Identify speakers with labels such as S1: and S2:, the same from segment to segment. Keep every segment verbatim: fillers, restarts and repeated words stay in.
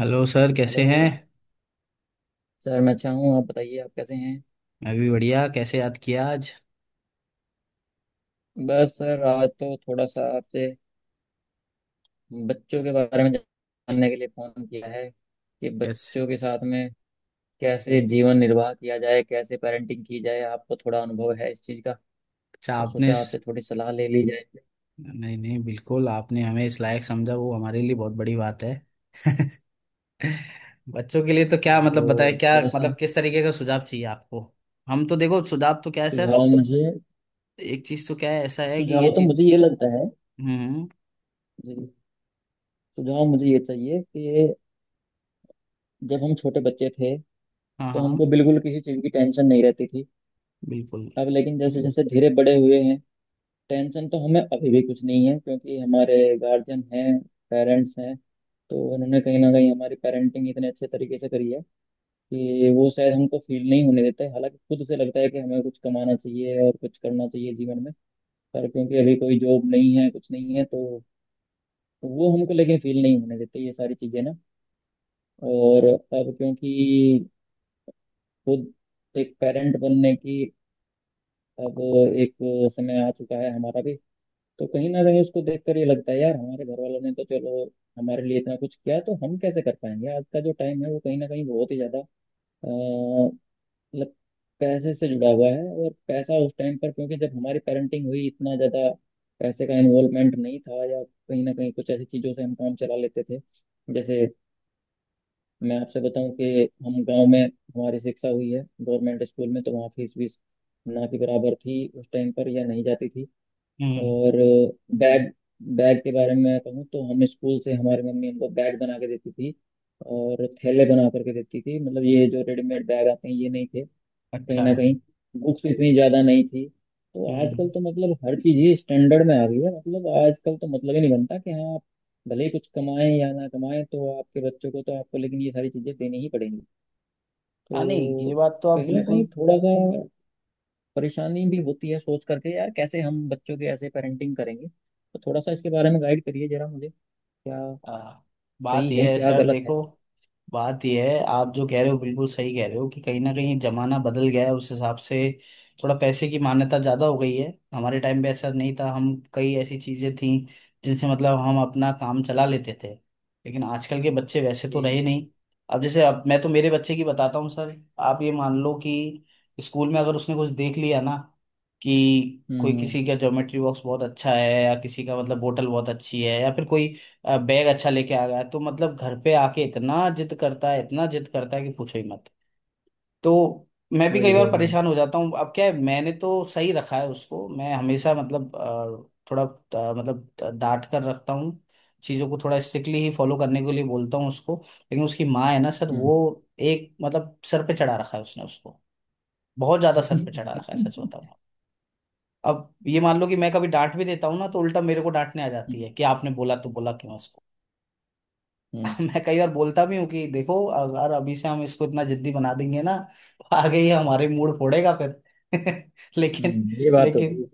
S1: Hello sir, कैसे
S2: hello
S1: हैं।
S2: Sir. मैं अच्छा हूँ, आप बताइए आप कैसे हैं।
S1: मैं भी बढ़िया। कैसे याद किया आज।
S2: बस सर आज तो थोड़ा सा आपसे बच्चों के बारे में जानने के लिए फ़ोन किया है कि
S1: कैसे।
S2: बच्चों के साथ में कैसे जीवन निर्वाह किया जाए, कैसे पेरेंटिंग की जाए। आपको थोड़ा अनुभव है इस चीज़ का
S1: अच्छा
S2: तो
S1: आपने
S2: सोचा
S1: इस...
S2: आपसे थोड़ी सलाह ले ली जाए।
S1: नहीं नहीं, बिल्कुल, आपने हमें इस लायक समझा वो हमारे लिए बहुत बड़ी बात है। बच्चों के लिए तो क्या मतलब बताए,
S2: तो
S1: क्या
S2: थोड़ा सा
S1: मतलब किस तरीके का सुझाव चाहिए आपको। हम तो देखो सुझाव तो क्या है सर।
S2: सुझाव मुझे
S1: एक चीज तो क्या है, ऐसा है कि ये
S2: सुझाव तो मुझे
S1: चीज।
S2: ये लगता है।
S1: हम्म।
S2: जी, सुझाव मुझे ये चाहिए कि जब हम छोटे बच्चे थे
S1: हाँ
S2: तो हमको
S1: हाँ।
S2: बिल्कुल किसी चीज़ की टेंशन नहीं रहती थी।
S1: बिल्कुल।
S2: अब लेकिन जैसे जैसे धीरे बड़े हुए हैं, टेंशन तो हमें अभी भी कुछ नहीं है क्योंकि हमारे गार्जियन हैं, पेरेंट्स हैं। तो उन्होंने कहीं ना कहीं हमारी पेरेंटिंग इतने अच्छे तरीके से करी है कि वो शायद हमको फील नहीं होने देते, हालांकि खुद से लगता है कि हमें कुछ कमाना चाहिए और कुछ करना चाहिए जीवन में। पर क्योंकि अभी कोई जॉब नहीं है, कुछ नहीं है, तो वो हमको लेकिन फील नहीं होने देते ये सारी चीज़ें ना। और अब क्योंकि खुद एक पेरेंट बनने की अब एक समय आ चुका है हमारा भी। तो कहीं ना कहीं उसको देखकर ये लगता है यार, हमारे घर वालों ने तो चलो हमारे लिए इतना कुछ किया, तो हम कैसे कर पाएंगे। आज का जो टाइम है वो कहीं ना कहीं बहुत ही ज्यादा अ, मतलब पैसे से जुड़ा हुआ है। और पैसा उस टाइम पर, क्योंकि जब हमारी पेरेंटिंग हुई, इतना ज्यादा पैसे का इन्वॉल्वमेंट नहीं था, या कहीं ना कहीं कुछ ऐसी चीजों से हम काम चला लेते थे। जैसे मैं आपसे बताऊं कि हम गांव में, हमारी शिक्षा हुई है गवर्नमेंट स्कूल में, तो वहाँ फीस वीस ना के बराबर थी उस टाइम पर, या नहीं जाती थी।
S1: हम्म।
S2: और बैग बैग के बारे में मैं कहूँ तो हम स्कूल से, हमारी मम्मी हमको बैग बना के देती थी और थैले बना करके देती थी। मतलब ये जो रेडीमेड बैग आते हैं, ये नहीं थे। कहीं
S1: अच्छा।
S2: ना कहीं बुक्स इतनी ज़्यादा नहीं थी, तो आजकल
S1: हम्म।
S2: तो मतलब हर चीज़ ही स्टैंडर्ड में आ गई है। मतलब आजकल तो मतलब ही नहीं बनता कि हाँ, आप भले ही कुछ कमाएं या ना कमाएं, तो आपके बच्चों को तो आपको लेकिन ये सारी चीज़ें देनी ही पड़ेंगी।
S1: हाँ नहीं,
S2: तो
S1: ये बात तो आप
S2: कहीं ना कहीं
S1: बिल्कुल।
S2: थोड़ा सा परेशानी भी होती है सोच करके, यार कैसे हम बच्चों के ऐसे पेरेंटिंग करेंगे। तो थोड़ा सा इसके बारे में गाइड करिए जरा मुझे, क्या
S1: आ, बात
S2: सही है
S1: यह है
S2: क्या
S1: सर,
S2: गलत है।
S1: देखो, बात यह है, आप जो कह रहे हो बिल्कुल सही कह रहे हो कि कहीं ना कहीं जमाना बदल गया है उस हिसाब से। थोड़ा पैसे की मान्यता ज़्यादा हो गई है। हमारे टाइम पे ऐसा नहीं था, हम कई ऐसी चीज़ें थीं जिनसे मतलब हम अपना काम चला लेते थे। लेकिन आजकल के बच्चे वैसे तो
S2: जी।
S1: रहे नहीं। अब जैसे, अब मैं तो मेरे बच्चे की बताता हूँ सर। आप ये मान लो कि स्कूल में अगर उसने कुछ देख लिया ना कि कोई
S2: हम्म।
S1: किसी का ज्योमेट्री बॉक्स बहुत अच्छा है, या किसी का मतलब बोतल बहुत अच्छी है, या फिर कोई अ, बैग अच्छा लेके आ गया, तो मतलब घर पे आके इतना जिद करता है, इतना जिद करता है कि पूछो ही मत। तो मैं भी
S2: वही
S1: कई
S2: वही
S1: बार
S2: वही।
S1: परेशान हो जाता हूँ। अब क्या है, मैंने तो सही रखा है उसको, मैं हमेशा मतलब अ, थोड़ा अ, मतलब डांट कर रखता हूँ। चीज़ों को थोड़ा स्ट्रिक्टली ही फॉलो करने के लिए बोलता हूँ उसको। लेकिन उसकी माँ है ना सर,
S2: हम्म।
S1: वो एक मतलब सर पे चढ़ा रखा है उसने उसको। बहुत ज्यादा सर पे चढ़ा रखा है, सच बताऊँ। अब ये मान लो कि मैं कभी डांट भी देता हूँ ना, तो उल्टा मेरे को डांटने आ जाती
S2: हम्म।
S1: है कि आपने बोला तो बोला क्यों उसको।
S2: हम्म।
S1: मैं कई बार बोलता भी हूँ कि देखो अगर अभी से हम इसको इतना जिद्दी बना देंगे ना तो आगे ये हमारे मूड फोड़ेगा फिर। लेकिन,
S2: हम्म, ये बात तो सही
S1: लेकिन,
S2: है।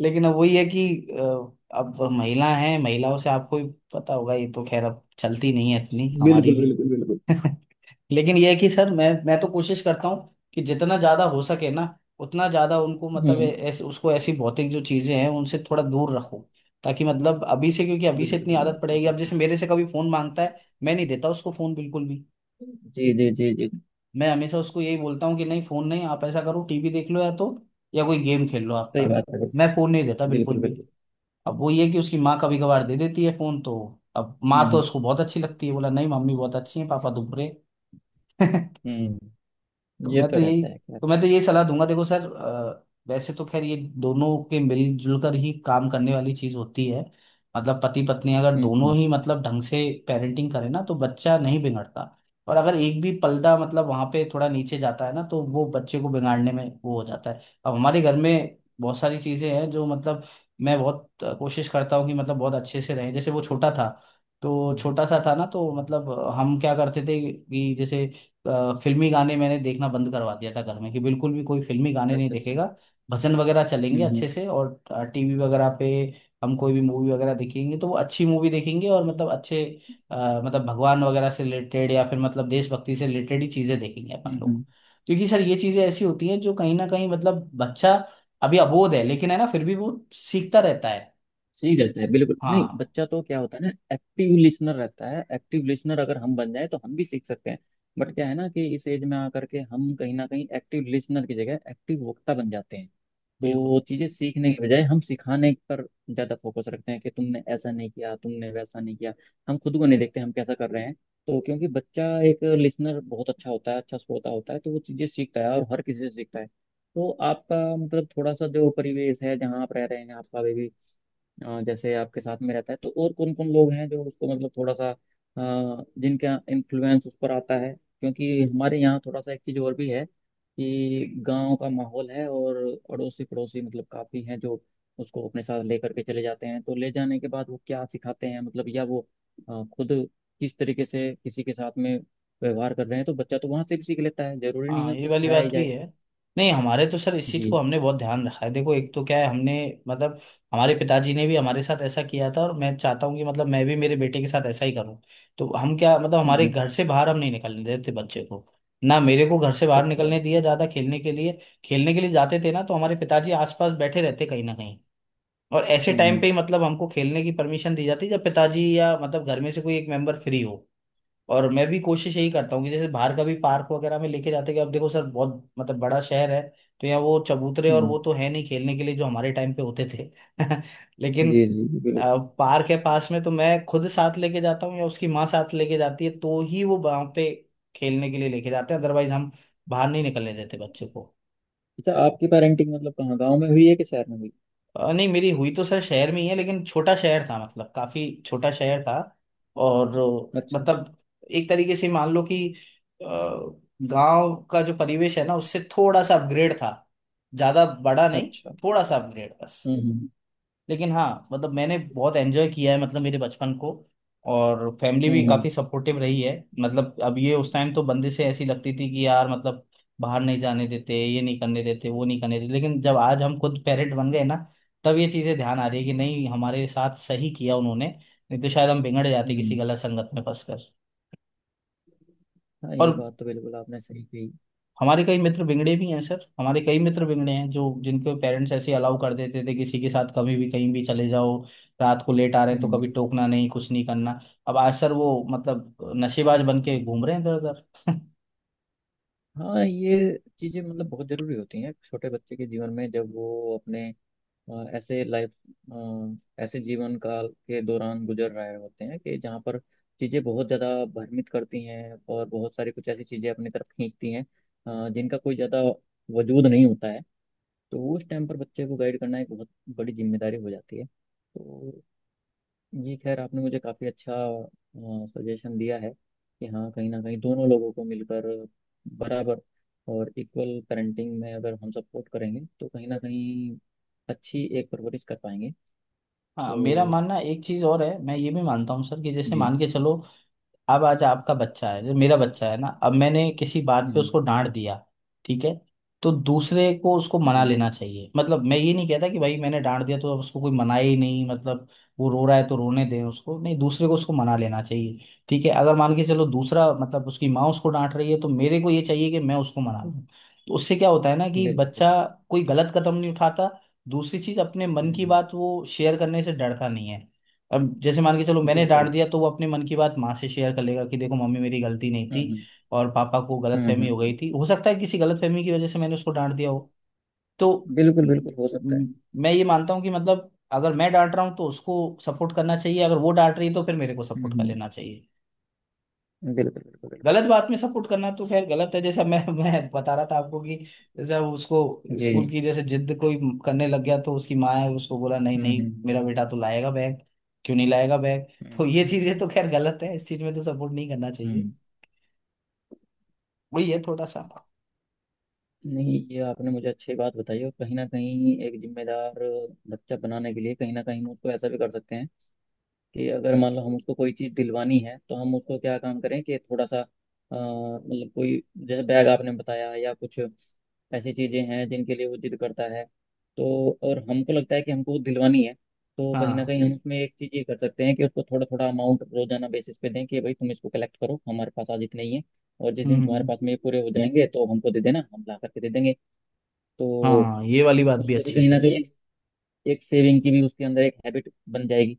S1: लेकिन अब वही है कि अ, अब महिला हैं, महिलाओं से आपको भी पता होगा, ये तो खैर अब चलती नहीं है इतनी हमारी
S2: बिल्कुल
S1: भी।
S2: बिल्कुल बिल्कुल।
S1: लेकिन यह है कि सर मैं, मैं तो कोशिश करता हूँ कि जितना ज्यादा हो सके ना उतना ज्यादा उनको मतलब ए-
S2: हम्म।
S1: ऐसे उसको ऐसी भौतिक जो चीजें हैं उनसे थोड़ा दूर रखूं। ताकि मतलब अभी से, क्योंकि अभी से
S2: बिल्कुल
S1: इतनी आदत पड़ेगी। अब
S2: बिल्कुल।
S1: जैसे मेरे से कभी फोन मांगता है, मैं नहीं देता उसको फोन, बिल्कुल भी।
S2: जी जी जी जी।
S1: मैं हमेशा उसको यही बोलता हूँ कि नहीं फोन नहीं, आप ऐसा करो टीवी देख लो, या तो या कोई गेम खेल लो आपका।
S2: सही बात है।
S1: मैं फोन नहीं देता
S2: बिल्कुल
S1: बिल्कुल भी।
S2: बिल्कुल।
S1: अब वो ये है कि उसकी माँ कभी कभार दे देती है फोन तो। अब
S2: हम्म।
S1: माँ तो
S2: हम्म।
S1: उसको बहुत अच्छी लगती है, बोला नहीं मम्मी बहुत अच्छी है पापा तो बुरे।
S2: हम्म,
S1: तो
S2: ये
S1: मैं
S2: तो
S1: तो यही
S2: रहता है खैर।
S1: तो मैं तो यही सलाह दूंगा देखो सर, अ, वैसे तो खैर ये दोनों के मिलजुल कर ही काम करने वाली चीज होती है। मतलब पति पत्नी अगर
S2: हम्म।
S1: दोनों
S2: हम्म।
S1: ही मतलब ढंग से पेरेंटिंग करे ना तो बच्चा नहीं बिगड़ता। और अगर एक भी पलड़ा मतलब वहां पे थोड़ा नीचे जाता है ना तो वो बच्चे को बिगाड़ने में वो हो जाता है। अब हमारे घर में बहुत सारी चीजें हैं जो मतलब मैं बहुत अ, कोशिश करता हूँ कि मतलब बहुत अच्छे से रहे। जैसे वो छोटा था तो
S2: हम्म,
S1: छोटा सा था ना तो मतलब अ, हम क्या करते थे कि जैसे अ, फिल्मी गाने मैंने देखना बंद करवा दिया था घर में, कि बिल्कुल भी कोई फिल्मी गाने नहीं
S2: अच्छा अच्छा।
S1: देखेगा। भजन वगैरह चलेंगे
S2: हम्म। हम्म।
S1: अच्छे से। और टीवी वगैरह पे हम कोई भी मूवी वगैरह देखेंगे तो वो अच्छी मूवी देखेंगे। और मतलब अच्छे अ, मतलब भगवान वगैरह से रिलेटेड, या फिर मतलब देशभक्ति से रिलेटेड ही चीजें देखेंगे अपन
S2: हम्म।
S1: लोग।
S2: हम्म।
S1: क्योंकि सर ये चीजें ऐसी होती हैं जो कहीं ना कहीं मतलब बच्चा अभी अबोध है लेकिन है ना, फिर भी वो सीखता रहता है।
S2: सही रहता है बिल्कुल। नहीं
S1: हाँ।
S2: बच्चा तो क्या होता है ना, एक्टिव लिसनर रहता है। एक्टिव लिसनर अगर हम बन जाए तो हम भी सीख सकते हैं। बट क्या है ना कि इस एज में आकर के हम कहीं ना कहीं एक्टिव लिसनर की जगह एक्टिव वक्ता बन जाते हैं।
S1: बिल्कुल।
S2: तो चीजें सीखने के बजाय हम सिखाने पर ज्यादा फोकस रखते हैं कि तुमने ऐसा नहीं किया, तुमने वैसा नहीं किया। हम खुद को नहीं देखते हम कैसा कर रहे हैं। तो क्योंकि बच्चा एक लिसनर बहुत अच्छा होता है, अच्छा श्रोता होता है, तो वो चीजें सीखता है और हर किसी से सीखता है। तो आपका मतलब थोड़ा सा जो परिवेश है जहाँ आप रह रहे हैं आपका भी, अ, जैसे आपके साथ में रहता है तो और कौन कौन लोग हैं जो उसको मतलब थोड़ा सा अ, जिनका इन्फ्लुएंस उस पर आता है, क्योंकि हमारे यहाँ थोड़ा सा एक चीज़ और भी है कि गांव का माहौल है और अड़ोसी पड़ोसी मतलब काफ़ी हैं जो उसको अपने साथ लेकर के चले जाते हैं। तो ले जाने के बाद वो क्या सिखाते हैं, मतलब या वो अ, खुद किस तरीके से किसी के साथ में व्यवहार कर रहे हैं, तो बच्चा तो वहां से भी सीख लेता है। जरूरी नहीं है
S1: हाँ ये
S2: उसको
S1: वाली
S2: सिखाया ही
S1: बात भी
S2: जाए।
S1: है। नहीं हमारे तो सर इस चीज़
S2: जी।
S1: को हमने बहुत ध्यान रखा है। देखो एक तो क्या है, हमने मतलब हमारे पिताजी ने भी हमारे साथ ऐसा किया था और मैं चाहता हूँ कि मतलब मैं भी मेरे बेटे के साथ ऐसा ही करूँ। तो हम क्या मतलब
S2: हम्म।
S1: हमारे
S2: हम्म,
S1: घर से बाहर हम नहीं निकलने देते बच्चे को। ना मेरे को घर से बाहर
S2: अच्छा।
S1: निकलने दिया ज़्यादा खेलने के लिए। खेलने के लिए जाते थे ना तो हमारे पिताजी आसपास बैठे रहते कहीं ना कहीं। और ऐसे
S2: हम्म।
S1: टाइम पे
S2: हम्म।
S1: ही मतलब हमको खेलने की परमिशन दी जाती जब पिताजी या मतलब घर में से कोई एक मेंबर फ्री हो। और मैं भी कोशिश यही करता हूँ कि जैसे बाहर का भी पार्क वगैरह में लेके जाते हैं कि अब देखो सर बहुत मतलब बड़ा शहर है, तो यहाँ वो चबूतरे और
S2: हम्म,
S1: वो तो है नहीं खेलने के लिए जो हमारे टाइम पे होते थे। लेकिन
S2: जी जी जी बिल्कुल।
S1: अ, पार्क है पास में तो मैं खुद साथ लेके जाता हूँ या उसकी माँ साथ लेके जाती है तो ही वो वहां पे खेलने के लिए लेके जाते हैं। अदरवाइज हम बाहर नहीं निकलने देते बच्चे को।
S2: अच्छा, आपकी पेरेंटिंग मतलब कहाँ, गाँव में हुई है कि शहर में हुई।
S1: अ, नहीं मेरी हुई तो सर शहर में ही है, लेकिन छोटा शहर था, मतलब काफी छोटा शहर था। और अ,
S2: अच्छा
S1: मतलब एक तरीके से मान लो कि गांव का जो परिवेश है ना उससे थोड़ा सा अपग्रेड था। ज्यादा बड़ा नहीं,
S2: अच्छा।
S1: थोड़ा सा अपग्रेड बस।
S2: हम्म।
S1: लेकिन हाँ मतलब मैंने बहुत एंजॉय किया है मतलब मेरे बचपन को। और फैमिली भी
S2: हम्म। हम्म।
S1: काफ़ी सपोर्टिव रही है। मतलब अब ये उस टाइम तो बंदिशें ऐसी लगती थी कि यार मतलब बाहर नहीं जाने देते, ये नहीं करने देते, वो नहीं करने देते। लेकिन जब आज हम खुद पेरेंट बन गए ना तब ये चीज़ें ध्यान आ रही है कि नहीं हमारे साथ सही किया उन्होंने। नहीं तो शायद हम बिगड़ जाते किसी
S2: हम्म।
S1: गलत संगत में फंसकर।
S2: हाँ,
S1: और
S2: ये बात तो बिल्कुल आपने सही कही।
S1: हमारे कई मित्र बिगड़े भी हैं सर, हमारे कई मित्र बिगड़े हैं जो, जिनके पेरेंट्स ऐसे अलाउ कर देते थे किसी के साथ कभी भी कहीं भी चले जाओ। रात को लेट आ रहे हैं तो
S2: हम्म।
S1: कभी टोकना नहीं, कुछ नहीं करना। अब आज सर वो मतलब नशेबाज बन के घूम रहे हैं इधर उधर।
S2: हाँ ये चीज़ें मतलब बहुत ज़रूरी होती हैं छोटे बच्चे के जीवन में, जब वो अपने अ, ऐसे लाइफ ऐसे जीवन काल के दौरान गुजर रहे होते हैं, कि जहाँ पर चीज़ें बहुत ज़्यादा भ्रमित करती हैं और बहुत सारी कुछ ऐसी चीज़ें अपनी तरफ खींचती हैं, अ, जिनका कोई ज़्यादा वजूद नहीं होता है। तो उस टाइम पर बच्चे को गाइड करना एक बहुत बड़ी जिम्मेदारी हो जाती है। तो ये खैर आपने मुझे काफ़ी अच्छा सजेशन दिया है कि हाँ कहीं ना कहीं दोनों लोगों को मिलकर, बराबर और इक्वल पेरेंटिंग में अगर हम सपोर्ट करेंगे तो कहीं ना कहीं अच्छी एक परवरिश कर पाएंगे।
S1: हाँ मेरा
S2: तो
S1: मानना एक चीज और है, मैं ये भी मानता हूँ सर कि जैसे
S2: जी।
S1: मान के चलो अब आज आपका बच्चा है जो, मेरा बच्चा है ना, अब मैंने किसी बात पे
S2: हम्म,
S1: उसको डांट दिया, ठीक है, तो दूसरे को उसको मना
S2: जी।
S1: लेना चाहिए। मतलब मैं ये नहीं कहता कि भाई मैंने डांट दिया तो अब उसको कोई मनाए ही नहीं। मतलब वो रो रहा है तो रोने दें उसको, नहीं, दूसरे को उसको मना लेना चाहिए। ठीक है अगर मान के चलो दूसरा मतलब उसकी माँ उसको डांट रही है, तो मेरे को ये चाहिए कि मैं उसको मना
S2: हम्म,
S1: लूं। तो उससे क्या होता है ना कि
S2: बिल्कुल बिल्कुल।
S1: बच्चा कोई गलत कदम नहीं उठाता। दूसरी चीज, अपने मन की
S2: हम्म,
S1: बात वो शेयर करने से डरता नहीं है। अब जैसे मान के चलो मैंने डांट
S2: बिल्कुल।
S1: दिया तो वो अपने मन की बात माँ से शेयर कर लेगा कि देखो मम्मी मेरी गलती नहीं
S2: हम्म।
S1: थी
S2: हम्म।
S1: और पापा को
S2: हम्म, हम्म,
S1: गलतफहमी हो गई
S2: हम्म,
S1: थी। हो सकता है किसी गलतफहमी की वजह से मैंने उसको डांट दिया हो। तो
S2: बिल्कुल बिल्कुल
S1: म,
S2: हो सकता है।
S1: म, मैं ये मानता हूँ कि मतलब अगर मैं डांट रहा हूँ तो उसको सपोर्ट करना चाहिए, अगर वो डांट रही है तो फिर मेरे को
S2: हम्म।
S1: सपोर्ट कर
S2: हम्म,
S1: लेना चाहिए।
S2: बिल्कुल बिल्कुल बिल्कुल।
S1: गलत बात में सपोर्ट करना तो खैर गलत है, जैसा मैं मैं बता रहा था आपको कि जैसे उसको
S2: जी।
S1: स्कूल की जैसे जिद कोई करने लग गया तो उसकी माँ है उसको बोला नहीं
S2: हम्म।
S1: नहीं
S2: हम्म।
S1: मेरा बेटा तो लाएगा बैग, क्यों नहीं लाएगा बैग। तो ये
S2: हम्म,
S1: चीजें तो खैर गलत है, इस चीज में तो सपोर्ट नहीं करना चाहिए।
S2: हम्म।
S1: वही है थोड़ा सा।
S2: नहीं, ये आपने मुझे अच्छी बात बताई, और कहीं ना कहीं एक जिम्मेदार बच्चा बनाने के लिए कहीं ना कहीं हम उसको ऐसा भी कर सकते हैं कि अगर मान लो हम उसको कोई चीज़ दिलवानी है तो हम उसको क्या काम करें कि थोड़ा सा अ, मतलब कोई, जैसे बैग आपने बताया या कुछ ऐसी चीज़ें हैं जिनके लिए वो जिद करता है, तो और हमको लगता है कि हमको वो दिलवानी है, तो कहीं ना
S1: हाँ।
S2: कहीं हम उसमें एक चीज़ ये कर सकते हैं कि उसको थोड़ा थोड़ा अमाउंट रोजाना बेसिस पे दें कि भाई तुम इसको कलेक्ट करो, हमारे पास आज इतने ही है, और जिस दिन तुम्हारे
S1: हम्म।
S2: पास में ये पूरे हो जाएंगे तो हमको दे देना, हम ला करके दे देंगे। तो
S1: हाँ ये वाली बात भी
S2: उससे भी
S1: अच्छी है
S2: कहीं ना
S1: सर।
S2: कहीं एक, एक सेविंग की भी उसके अंदर एक हैबिट बन जाएगी,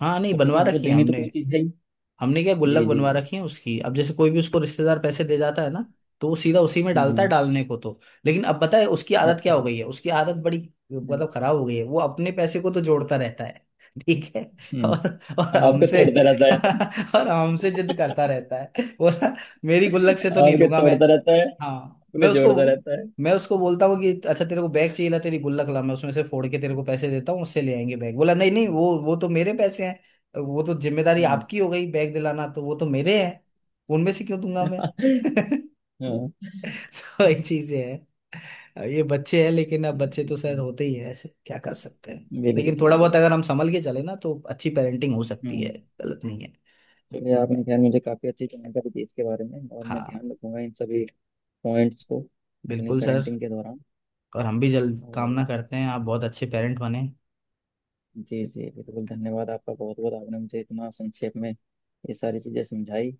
S1: हाँ नहीं
S2: और क्योंकि
S1: बनवा
S2: हमको
S1: रखी है
S2: देनी तो
S1: हमने।
S2: कोई चीज़ है ही।
S1: हमने क्या गुल्लक
S2: जी जी
S1: बनवा
S2: जी।
S1: रखी है उसकी। अब जैसे कोई भी उसको रिश्तेदार पैसे दे जाता है ना तो वो सीधा उसी में डालता है,
S2: हम्म।
S1: डालने को तो। लेकिन अब पता है उसकी आदत क्या
S2: अच्छा।
S1: हो गई है, उसकी आदत बड़ी
S2: हम्म।
S1: मतलब खराब हो गई है। वो अपने पैसे को तो जोड़ता रहता है, ठीक है, और
S2: हम्म।
S1: और
S2: आपके
S1: हमसे
S2: तोड़ता रहता है।
S1: और हमसे जिद करता रहता है बोला मेरी गुल्लक से तो नहीं
S2: आपके
S1: लूंगा मैं।
S2: तोड़ता रहता है।
S1: हाँ
S2: अपने
S1: मैं उसको
S2: जोड़ता रहता है।
S1: मैं उसको बोलता हूँ कि अच्छा तेरे को बैग चाहिए, ला तेरी गुल्लक ला, मैं उसमें से फोड़ के तेरे को पैसे देता हूँ, उससे ले आएंगे बैग। बोला नहीं नहीं, वो वो तो मेरे पैसे हैं, वो तो जिम्मेदारी
S2: हम्म।
S1: आपकी हो गई बैग दिलाना, तो वो तो मेरे हैं, उनमें से क्यों दूंगा मैं।
S2: हाँ।
S1: वही चीजें हैं, ये बच्चे हैं। लेकिन अब बच्चे तो सर होते ही है ऐसे, क्या कर सकते हैं।
S2: बिल्कुल
S1: लेकिन थोड़ा बहुत
S2: बिल्कुल।
S1: अगर हम संभल के चले ना तो अच्छी पेरेंटिंग हो सकती है,
S2: हम्म।
S1: गलत नहीं है।
S2: चलिए आपने खैर मुझे काफ़ी अच्छी जानकारी दी इसके बारे में, और मैं
S1: हाँ।
S2: ध्यान रखूंगा इन सभी पॉइंट्स को अपनी
S1: बिल्कुल सर।
S2: पेरेंटिंग के दौरान।
S1: और हम भी जल्द कामना
S2: और
S1: करते हैं आप बहुत अच्छे पेरेंट बने।
S2: जी जी बिल्कुल, धन्यवाद आपका बहुत बहुत, आपने मुझे इतना संक्षेप में ये सारी चीज़ें समझाई,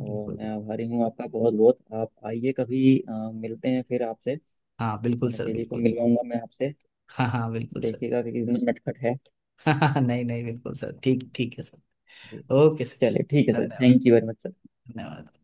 S2: और मैं आभारी हूँ आपका बहुत बहुत। आप आइए कभी, अ, मिलते हैं फिर आपसे।
S1: हाँ बिल्कुल
S2: हाँ,
S1: सर,
S2: दीदी को
S1: बिल्कुल।
S2: मिलवाऊंगा मैं आपसे,
S1: हाँ हाँ बिल्कुल सर।
S2: देखिएगा कि कितना नटखट है।
S1: हाँ हाँ, नहीं नहीं बिल्कुल सर, ठीक ठीक है सर।
S2: जी।
S1: Okay sir.
S2: चलिए ठीक है सर।
S1: धन्यवाद।
S2: Thank you very much sir.
S1: धन्यवाद।